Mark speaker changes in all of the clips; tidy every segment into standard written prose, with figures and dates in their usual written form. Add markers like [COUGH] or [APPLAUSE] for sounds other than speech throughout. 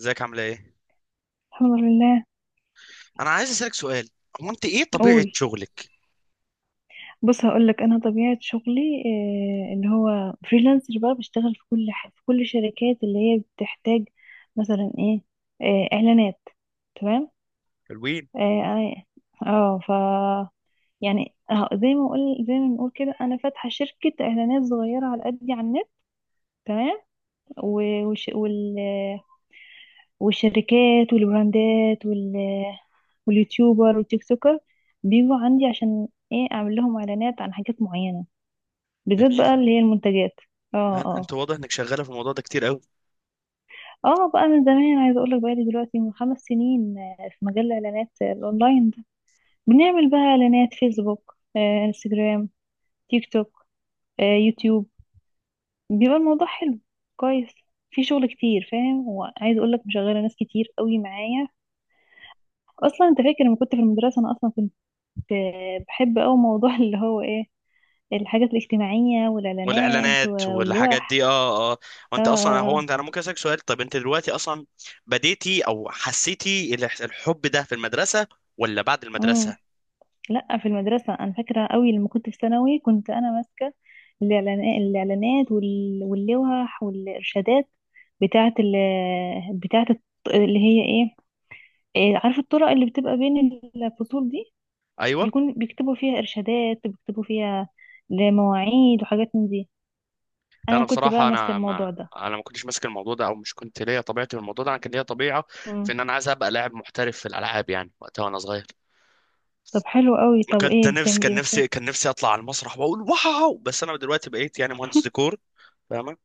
Speaker 1: ازيك؟ عامله ايه؟
Speaker 2: الحمد لله.
Speaker 1: انا عايز اسالك سؤال. هو انت ايه طبيعه
Speaker 2: قول.
Speaker 1: شغلك؟
Speaker 2: بص، هقول لك انا طبيعه شغلي، اللي هو فريلانسر، بقى بشتغل في في كل الشركات اللي هي بتحتاج. مثلا ايه؟ اعلانات. تمام.
Speaker 1: حلوين.
Speaker 2: اه آه، آه، ف يعني، زي ما بنقول كده، انا فاتحه شركه اعلانات صغيره على قدي على النت. تمام. و- وش... وال... والشركات والبراندات واليوتيوبر والتيك توكر بيجوا عندي، عشان ايه اعمل لهم اعلانات عن حاجات معينه، بالذات
Speaker 1: جميل.
Speaker 2: بقى اللي هي المنتجات. اه،
Speaker 1: لا انت
Speaker 2: اه،
Speaker 1: واضح انك شغاله في الموضوع ده كتير قوي.
Speaker 2: اه، بقى من زمان عايزه اقول لك، بقالي دلوقتي من 5 سنين في مجال الاعلانات، الاونلاين ده. بنعمل بقى اعلانات فيسبوك، انستجرام، تيك توك، يوتيوب. بيبقى الموضوع حلو، كويس. في شغل كتير، فاهم؟ وعايزه اقول لك، مشغله ناس كتير قوي معايا. اصلا انت فاكر لما كنت في المدرسه؟ انا اصلا كنت بحب قوي موضوع [LAUGHS] اللي هو ايه، الحاجات الاجتماعيه والاعلانات
Speaker 1: والاعلانات والحاجات
Speaker 2: واللوح.
Speaker 1: دي، اه اه.
Speaker 2: اه،
Speaker 1: وانت اصلا،
Speaker 2: اه،
Speaker 1: هو انت، انا ممكن اسالك سؤال؟ طب انت دلوقتي اصلا بديتي او حسيتي الحب ده في المدرسه، ولا بعد
Speaker 2: مم.
Speaker 1: المدرسه؟
Speaker 2: لا، في المدرسة أنا فاكرة قوي لما كنت في ثانوي، كنت أنا ماسكة الإعلانات واللوح والإرشادات بتاعة ال بتاعة الط- اللي هي إيه. عارفة الطرق اللي بتبقى بين الفصول دي،
Speaker 1: ايوه.
Speaker 2: بيكتبوا فيها إرشادات، بيكتبوا فيها لمواعيد وحاجات من دي.
Speaker 1: لا
Speaker 2: أنا
Speaker 1: انا
Speaker 2: كنت بقى
Speaker 1: بصراحه،
Speaker 2: ماسكة
Speaker 1: انا
Speaker 2: الموضوع
Speaker 1: ما
Speaker 2: ده.
Speaker 1: انا ما كنتش ماسك الموضوع ده، او مش كنت ليا طبيعتي في الموضوع ده. انا كان ليا طبيعه في
Speaker 2: مم.
Speaker 1: ان انا عايز ابقى لاعب محترف في الالعاب، وقتها وانا صغير.
Speaker 2: طب حلو قوي. طب
Speaker 1: كنت
Speaker 2: إيه
Speaker 1: نفسي
Speaker 2: بتعمل
Speaker 1: كان
Speaker 2: إيه مثلا؟
Speaker 1: نفسي كان نفسي اطلع على المسرح واقول واو، بس انا دلوقتي بقيت مهندس
Speaker 2: [LAUGHS]
Speaker 1: ديكور. فاهمة؟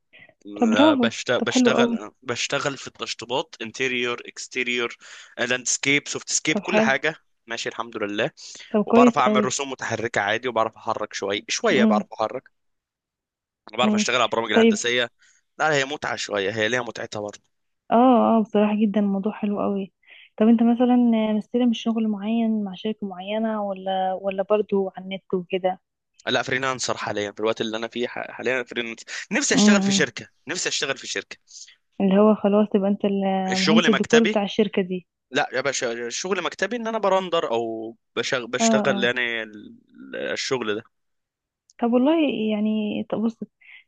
Speaker 2: طب برافو.
Speaker 1: بشت-
Speaker 2: طب حلو قوي.
Speaker 1: بشتغل بشتغل في التشطيبات، انتيريور، اكستيريور، لاندسكيب، سوفت سكيب،
Speaker 2: طب
Speaker 1: كل
Speaker 2: حلو.
Speaker 1: حاجة. ماشي، الحمد لله.
Speaker 2: طب كويس
Speaker 1: وبعرف اعمل
Speaker 2: قوي.
Speaker 1: رسوم متحركة عادي، وبعرف احرك شوية شوية،
Speaker 2: امم،
Speaker 1: بعرف احرك. انا بعرف
Speaker 2: امم.
Speaker 1: اشتغل على البرامج
Speaker 2: طيب.
Speaker 1: الهندسية. لا هي متعة شوية، هي ليها متعتها برضه.
Speaker 2: اه، اه، بصراحة جدا الموضوع حلو قوي. طب انت مثلا مستلم شغل معين مع شركة معينة، ولا برضو على النت وكده؟
Speaker 1: لا فريلانسر حاليا. في الوقت اللي انا فيه حاليا فريلانسر. نفسي
Speaker 2: امم،
Speaker 1: اشتغل في
Speaker 2: إمم.
Speaker 1: شركة، نفسي اشتغل في شركة.
Speaker 2: اللي هو خلاص تبقى انت
Speaker 1: الشغل
Speaker 2: المهندس الديكور
Speaker 1: مكتبي.
Speaker 2: بتاع الشركة دي.
Speaker 1: لا يا باشا، شغل مكتبي، ان انا برندر او
Speaker 2: اه،
Speaker 1: بشتغل
Speaker 2: اه.
Speaker 1: الشغل ده.
Speaker 2: طب والله، يعني طب بص،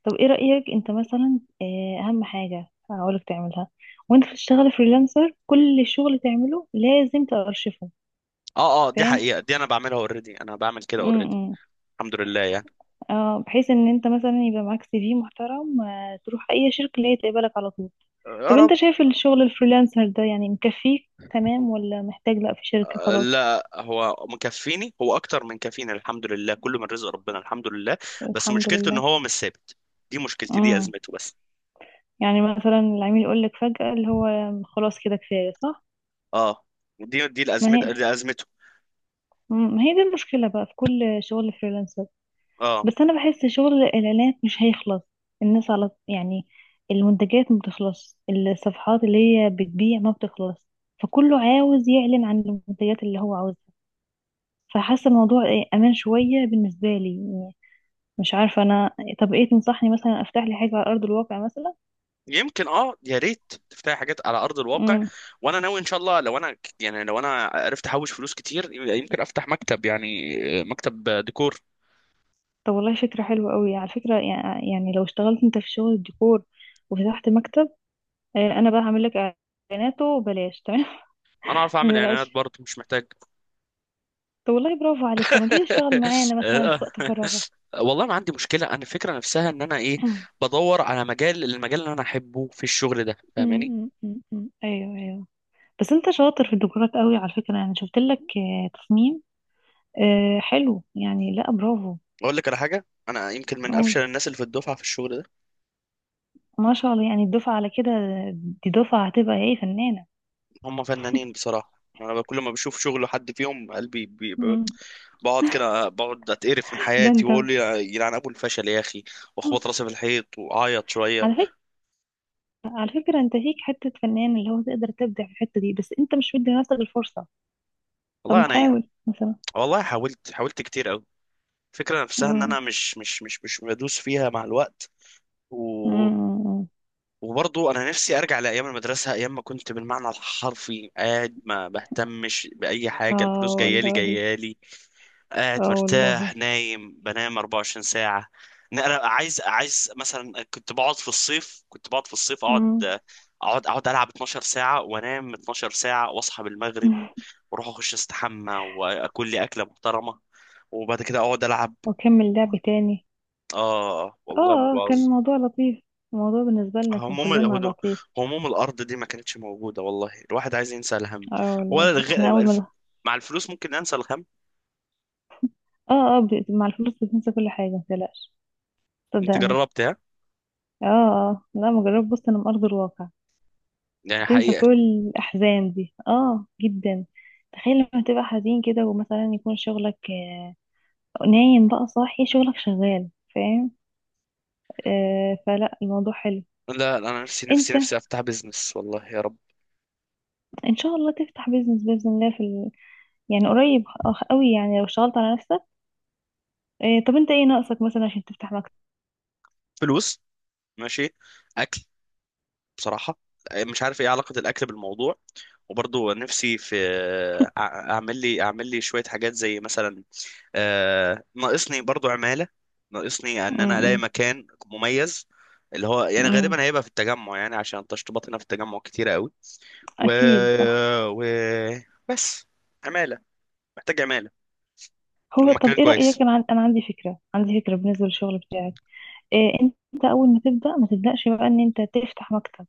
Speaker 2: طب ايه رأيك انت مثلا؟ اهم حاجة هقولك تعملها، وانت بتشتغل فريلانسر، كل شغل تعمله لازم تأرشفه.
Speaker 1: اه اه، دي
Speaker 2: فاهم.
Speaker 1: حقيقة، دي انا بعملها اوريدي، انا بعمل كده
Speaker 2: امم،
Speaker 1: اوريدي.
Speaker 2: إمم.
Speaker 1: الحمد لله يعني.
Speaker 2: اه، بحيث ان انت مثلا يبقى معاك CV محترم، تروح اي شركة اللي هي تقبلك على طول.
Speaker 1: يا
Speaker 2: طب انت
Speaker 1: رب.
Speaker 2: شايف الشغل الفريلانسر ده يعني مكفيك تمام، ولا محتاج لا، في شركة خلاص؟
Speaker 1: لا هو مكفيني، هو اكتر من كفيني، الحمد لله، كله من رزق ربنا، الحمد لله. بس
Speaker 2: الحمد
Speaker 1: مشكلته ان
Speaker 2: لله.
Speaker 1: هو مش ثابت. مشكلتي دي،
Speaker 2: امم.
Speaker 1: ازمته بس.
Speaker 2: يعني مثلا العميل يقول لك فجأة اللي هو خلاص كده كفاية، صح؟
Speaker 1: اه، دي
Speaker 2: ما
Speaker 1: الازمه،
Speaker 2: هي
Speaker 1: دي ازمته.
Speaker 2: ما هي دي المشكلة بقى في كل شغل فريلانسر.
Speaker 1: اه
Speaker 2: بس انا بحس شغل الاعلانات مش هيخلص. الناس على، يعني، المنتجات ما بتخلص. الصفحات اللي هي بتبيع ما بتخلص. فكله عاوز يعلن عن المنتجات اللي هو عاوزها. فحاسة الموضوع امان شوية بالنسبة لي. مش عارفة أنا. طب إيه تنصحني مثلا؟ أفتح لي حاجة على أرض الواقع مثلا؟
Speaker 1: يمكن، اه يا ريت تفتحي حاجات على ارض الواقع.
Speaker 2: امم.
Speaker 1: وانا ناوي ان شاء الله، لو يعني لو انا عرفت احوش فلوس كتير، يمكن افتح مكتب، مكتب ديكور.
Speaker 2: طب والله فكرة حلوة قوي، على فكرة. يعني لو اشتغلت أنت في شغل الديكور وفتحت مكتب، أنا بقى هعمل لك إعلاناته بلاش، تمام.
Speaker 1: انا اعرف
Speaker 2: [LAUGHS]
Speaker 1: اعمل
Speaker 2: ما
Speaker 1: اعلانات
Speaker 2: تقلقش.
Speaker 1: برضه، مش محتاج.
Speaker 2: طب والله برافو عليك. طب ما تيجي تشتغل
Speaker 1: [LAUGHS]
Speaker 2: معانا مثلا
Speaker 1: آه.
Speaker 2: في وقت فراغك؟
Speaker 1: والله ما عندي مشكله، انا الفكره نفسها ان انا ايه،
Speaker 2: [CLEARS THROAT]
Speaker 1: بدور على المجال اللي انا احبه في الشغل ده.
Speaker 2: أمم،
Speaker 1: فاهماني؟
Speaker 2: أمم، أمم، أمم. أيوه، أيوه. بس أنت شاطر في الديكورات قوي، على فكرة، يعني شفت لك تصميم، حلو يعني. لا، برافو.
Speaker 1: اقول لك على حاجه، انا يمكن من
Speaker 2: قول.
Speaker 1: افشل الناس اللي في الدفعه في الشغل ده.
Speaker 2: ما شاء الله، يعني الدفعة على كده، دي دفعة هتبقى إيه، فنانة.
Speaker 1: هم فنانين بصراحة. أنا كل ما بشوف شغل حد فيهم، قلبي بقعد كده، بقعد أتقرف من
Speaker 2: ده
Speaker 1: حياتي
Speaker 2: انت.
Speaker 1: وأقول يا يلعن أبو الفشل يا أخي،
Speaker 2: [LAUGHS]
Speaker 1: وأخبط راسي في الحيط وأعيط شوية.
Speaker 2: على فكرة على فكرة، انت فيك حتة فنان اللي هو تقدر تبدع في الحتة دي، بس انت مش مدي نفسك الفرصة. طب ما
Speaker 1: والله أنا،
Speaker 2: تحاول مثلا؟
Speaker 1: والله حاولت، حاولت كتير أوي. الفكرة نفسها إن
Speaker 2: مم.
Speaker 1: أنا مش بدوس فيها مع الوقت. و...
Speaker 2: مم.
Speaker 1: وبرضه أنا نفسي أرجع لأيام المدرسة، أيام ما كنت بالمعنى الحرفي قاعد ما بهتمش بأي حاجة،
Speaker 2: اه
Speaker 1: الفلوس
Speaker 2: والله.
Speaker 1: جايالي، قاعد
Speaker 2: اه
Speaker 1: مرتاح،
Speaker 2: والله.
Speaker 1: نايم، بنام 24 ساعة. نقرا، عايز، مثلا كنت بقعد في الصيف، كنت بقعد في الصيف اقعد
Speaker 2: مم.
Speaker 1: اقعد اقعد العب 12 ساعة، وانام 12 ساعة، واصحى بالمغرب،
Speaker 2: [LAUGHS]
Speaker 1: واروح اخش استحمى، واكل لي اكلة محترمة، وبعد كده اقعد العب.
Speaker 2: وكمل لعب تاني.
Speaker 1: اه والله ما
Speaker 2: اه،
Speaker 1: باظ.
Speaker 2: كان الموضوع لطيف. الموضوع بالنسبة لنا كان
Speaker 1: هموم
Speaker 2: كلنا
Speaker 1: ال-
Speaker 2: لطيف.
Speaker 1: هموم الارض دي ما كانتش موجودة. والله الواحد عايز ينسى الهم.
Speaker 2: اه
Speaker 1: هو
Speaker 2: والله، احنا
Speaker 1: الغ-
Speaker 2: اول
Speaker 1: الف-
Speaker 2: ما.
Speaker 1: مع الفلوس ممكن انسى الهم.
Speaker 2: اه، اه، مع الفلوس بتنسى كل حاجة، متقلقش.
Speaker 1: انت
Speaker 2: صدقني.
Speaker 1: جربتها؟
Speaker 2: اه، اه، لا، مجرد بص انا من ارض الواقع.
Speaker 1: يعني
Speaker 2: هتنسى
Speaker 1: حقيقة؟
Speaker 2: كل الأحزان دي، اه، جدا. تخيل لما تبقى حزين كده، ومثلا يكون شغلك نايم بقى صاحي شغلك شغال. فاهم؟ فلا الموضوع حلو.
Speaker 1: لا لا، انا نفسي
Speaker 2: انت.
Speaker 1: نفسي افتح بيزنس، والله يا رب.
Speaker 2: ان شاء الله تفتح بيزنس بإذن الله يعني قريب قوي، يعني لو اشتغلت على نفسك. طب انت ايه ناقصك مثلا عشان تفتح مكتب؟
Speaker 1: فلوس، ماشي، اكل، بصراحه مش عارف ايه علاقه الاكل بالموضوع. وبرضه نفسي في اعمل لي، اعمل لي شويه حاجات زي مثلا، ناقصني برضه عماله، ناقصني ان انا الاقي
Speaker 2: امم.
Speaker 1: مكان مميز، اللي هو يعني
Speaker 2: امم.
Speaker 1: غالبا هيبقى في التجمع، يعني عشان تشطيبات هنا في التجمع كتيره قوي. و...
Speaker 2: اكيد، صح.
Speaker 1: و بس، عماله، محتاج عماله،
Speaker 2: هو طب
Speaker 1: ومكان
Speaker 2: ايه رأيك؟
Speaker 1: كويس.
Speaker 2: انا عندي فكرة، بالنسبة للشغل بتاعك. إيه، انت اول ما تبدأ ما تبدأش بقى ان انت تفتح مكتب.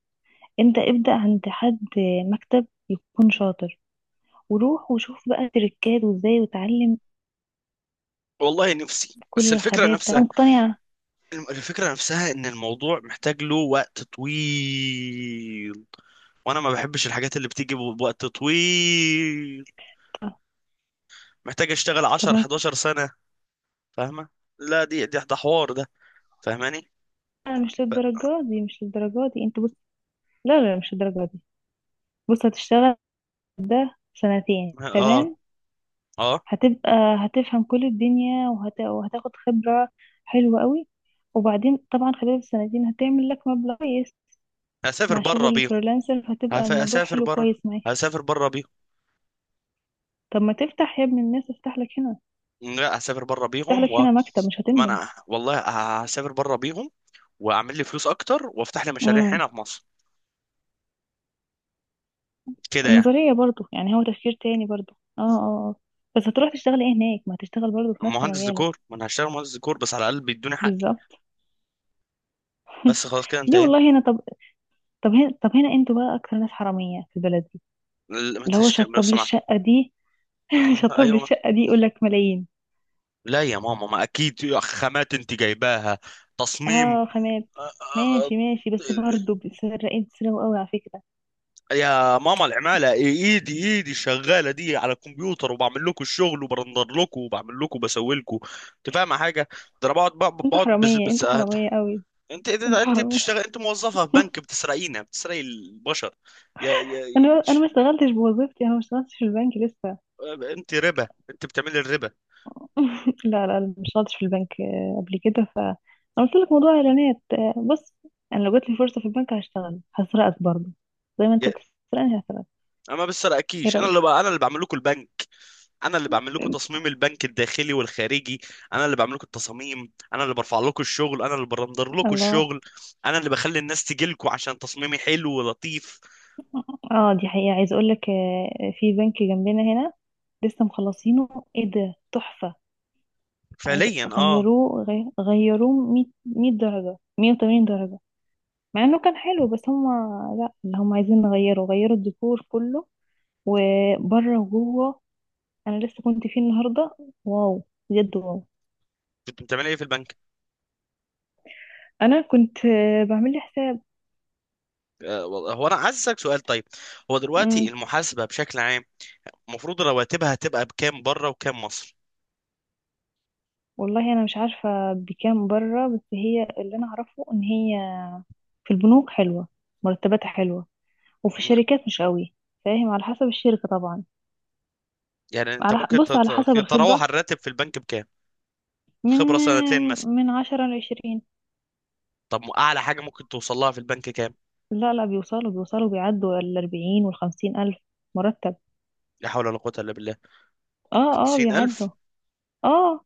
Speaker 2: انت ابدأ عند حد، مكتب يكون شاطر، وروح وشوف بقى تريكات وازاي، وتعلم
Speaker 1: والله نفسي، بس
Speaker 2: كل
Speaker 1: الفكرة
Speaker 2: الخبايا بتاعته.
Speaker 1: نفسها،
Speaker 2: أنا مقتنعة.
Speaker 1: الفكرة نفسها ان الموضوع محتاج له وقت طويل، وانا ما بحبش الحاجات اللي بتيجي بوقت طويل. محتاج اشتغل
Speaker 2: طب
Speaker 1: 10
Speaker 2: ما
Speaker 1: 11 سنة. فاهمة؟ لا دي ده حوار ده. فاهماني؟
Speaker 2: أنا مش
Speaker 1: ف...
Speaker 2: للدرجة دي، مش للدرجة دي، انت بص. لا، لا، مش للدرجة دي. بص، هتشتغل ده سنتين،
Speaker 1: اه
Speaker 2: تمام.
Speaker 1: اه،
Speaker 2: هتبقى هتفهم كل الدنيا وهتاخد خبرة حلوة قوي. وبعدين طبعا خلال السنتين هتعمل لك مبلغ كويس،
Speaker 1: هسافر
Speaker 2: مع
Speaker 1: بره
Speaker 2: شغل
Speaker 1: بيهم.
Speaker 2: الفريلانسر هتبقى الموضوع
Speaker 1: هسافر
Speaker 2: حلو
Speaker 1: بره،
Speaker 2: كويس معاك.
Speaker 1: هسافر بره بيهم.
Speaker 2: طب ما تفتح يا ابن الناس، افتح لك هنا.
Speaker 1: لا هسافر بره
Speaker 2: افتح
Speaker 1: بيهم،
Speaker 2: لك
Speaker 1: و
Speaker 2: هنا مكتب، مش
Speaker 1: ما
Speaker 2: هتندم.
Speaker 1: انا والله هسافر بره بيهم، واعمل لي فلوس اكتر، وافتح لي مشاريع
Speaker 2: امم.
Speaker 1: هنا في مصر، كده يعني.
Speaker 2: النظرية برضو، يعني هو تفكير تاني برضو، اه، اه، اه. بس هتروح تشتغل ايه هناك؟ ما تشتغل برضو في نفس
Speaker 1: مهندس
Speaker 2: مجالك.
Speaker 1: ديكور، ما انا هشتغل مهندس ديكور بس على الاقل بيدوني حقي.
Speaker 2: بالظبط. [LAUGHS]
Speaker 1: بس خلاص كده
Speaker 2: ليه؟
Speaker 1: انتهينا.
Speaker 2: والله هنا طب. طب هنا انتوا بقى اكتر ناس حرامية في البلد دي.
Speaker 1: لما
Speaker 2: اللي هو
Speaker 1: تشتغل
Speaker 2: شطب لي
Speaker 1: صناعة.
Speaker 2: الشقة دي. [LAUGHS]
Speaker 1: ايوه
Speaker 2: شطب لي
Speaker 1: ايوه.
Speaker 2: الشقة دي، يقول لك ملايين.
Speaker 1: لا يا ماما ما اكيد يا خامات انت جايباها، تصميم،
Speaker 2: اه، خامات.
Speaker 1: أ- أ- أ-
Speaker 2: ماشي ماشي، بس برضو بتسرقين، تسرقوا قوي على فكرة.
Speaker 1: يا ماما العمالة، ايدي شغالة دي على الكمبيوتر، وبعمل لكم الشغل، وبرندر لكم، وبعمل لكم، وبسوي لكم. انت فاهمة حاجة؟ ده انا بقعد
Speaker 2: انتوا
Speaker 1: بقعد،
Speaker 2: حرامية،
Speaker 1: بس
Speaker 2: انتوا
Speaker 1: انت،
Speaker 2: حرامية قوي. انتوا
Speaker 1: انت
Speaker 2: حرامية.
Speaker 1: بتشتغل، انت موظفة في بنك، بتسرقينا، بتسرقي البشر. يا
Speaker 2: [LAUGHS] انا ما اشتغلتش بوظيفتي، انا ما اشتغلتش في البنك لسه.
Speaker 1: انت ربا، انت بتعملي الربا.
Speaker 2: لا، لا اشتغلتش في البنك قبل كده، ف انا قلت لك موضوع اعلانات، بص. انا لو جات لي فرصه في البنك هشتغل، هسرقك برضه، زي ما انت
Speaker 1: يا-
Speaker 2: بتسرقني هسرقك.
Speaker 1: انا ما
Speaker 2: ايه
Speaker 1: بسرقكيش، انا
Speaker 2: رايك؟
Speaker 1: انا اللي بعمل لكم البنك، انا اللي بعمل لكم
Speaker 2: آه،
Speaker 1: تصميم البنك الداخلي والخارجي، انا اللي بعمل لكم التصاميم، انا اللي برفع لكم الشغل، انا اللي برندر لكم
Speaker 2: الله.
Speaker 1: الشغل، انا اللي بخلي الناس تجي لكم عشان تصميمي حلو ولطيف.
Speaker 2: اه، دي حقيقه، عايز اقول لك في بنك جنبنا هنا لسه مخلصينه، ايه ده، تحفه. عايز.
Speaker 1: فعليا اه.
Speaker 2: غيروه 100 100 درجه، 180 درجه. مع انه كان حلو، بس هم. لا، اللي هم عايزين نغيره، غيروا الديكور كله، وبره وجوه. انا لسه كنت فيه النهارده. واو. بجد، واو.
Speaker 1: كنت بتعمل ايه في البنك؟
Speaker 2: انا كنت بعمل لي حساب.
Speaker 1: آه والله، هو انا عايز اسالك سؤال طيب. هو
Speaker 2: امم.
Speaker 1: دلوقتي المحاسبه بشكل عام، المفروض رواتبها هتبقى بكام بره وكام مصر؟
Speaker 2: والله انا مش عارفه بكام بره، بس هي اللي انا اعرفه ان هي في البنوك حلوه، مرتباتها حلوه، وفي
Speaker 1: نعم.
Speaker 2: الشركات مش قوي. فاهم، على حسب الشركه طبعا.
Speaker 1: يعني انت ممكن
Speaker 2: بص، على حسب
Speaker 1: تتراوح
Speaker 2: الخبره،
Speaker 1: الراتب في البنك بكام؟
Speaker 2: من
Speaker 1: خبره سنتين مثلا.
Speaker 2: من 10 لعشرين.
Speaker 1: طب اعلى حاجه ممكن توصل لها في البنك كام؟
Speaker 2: لا، لا، بيوصلوا بيعدوا 40 والخمسين ألف مرتب.
Speaker 1: لا حول ولا قوه الا بالله،
Speaker 2: اه، اه، بيعدوا.
Speaker 1: 50,000؟
Speaker 2: اه،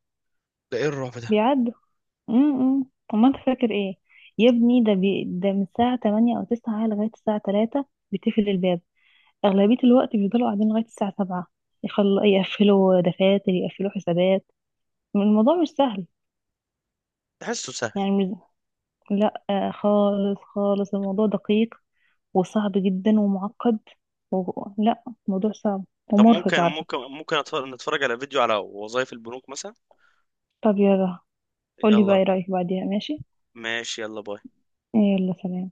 Speaker 1: ده ايه الرعب ده؟
Speaker 2: بيعدوا. امم. امال انت فاكر ايه؟ يا ابني، ده من الساعة 8 او 9 لغاية الساعة 3 بتقفل الباب. اغلبية الوقت بيفضلوا قاعدين لغاية الساعة 7، يقفلوا دفاتر، يقفلوا حسابات. الموضوع مش سهل.
Speaker 1: تحسه سهل.
Speaker 2: يعني مش. لا، خالص خالص، الموضوع دقيق، وصعب جدا ومعقد، و. لا، الموضوع صعب
Speaker 1: طب
Speaker 2: ومرهق
Speaker 1: ممكن
Speaker 2: على فكرة.
Speaker 1: نتفرج على فيديو على وظائف البنوك مثلا؟
Speaker 2: طب يلا. قولي بقى
Speaker 1: يلا.
Speaker 2: ايه رأيك بعديها، ماشي؟
Speaker 1: ماشي، يلا، باي.
Speaker 2: يلا سلام.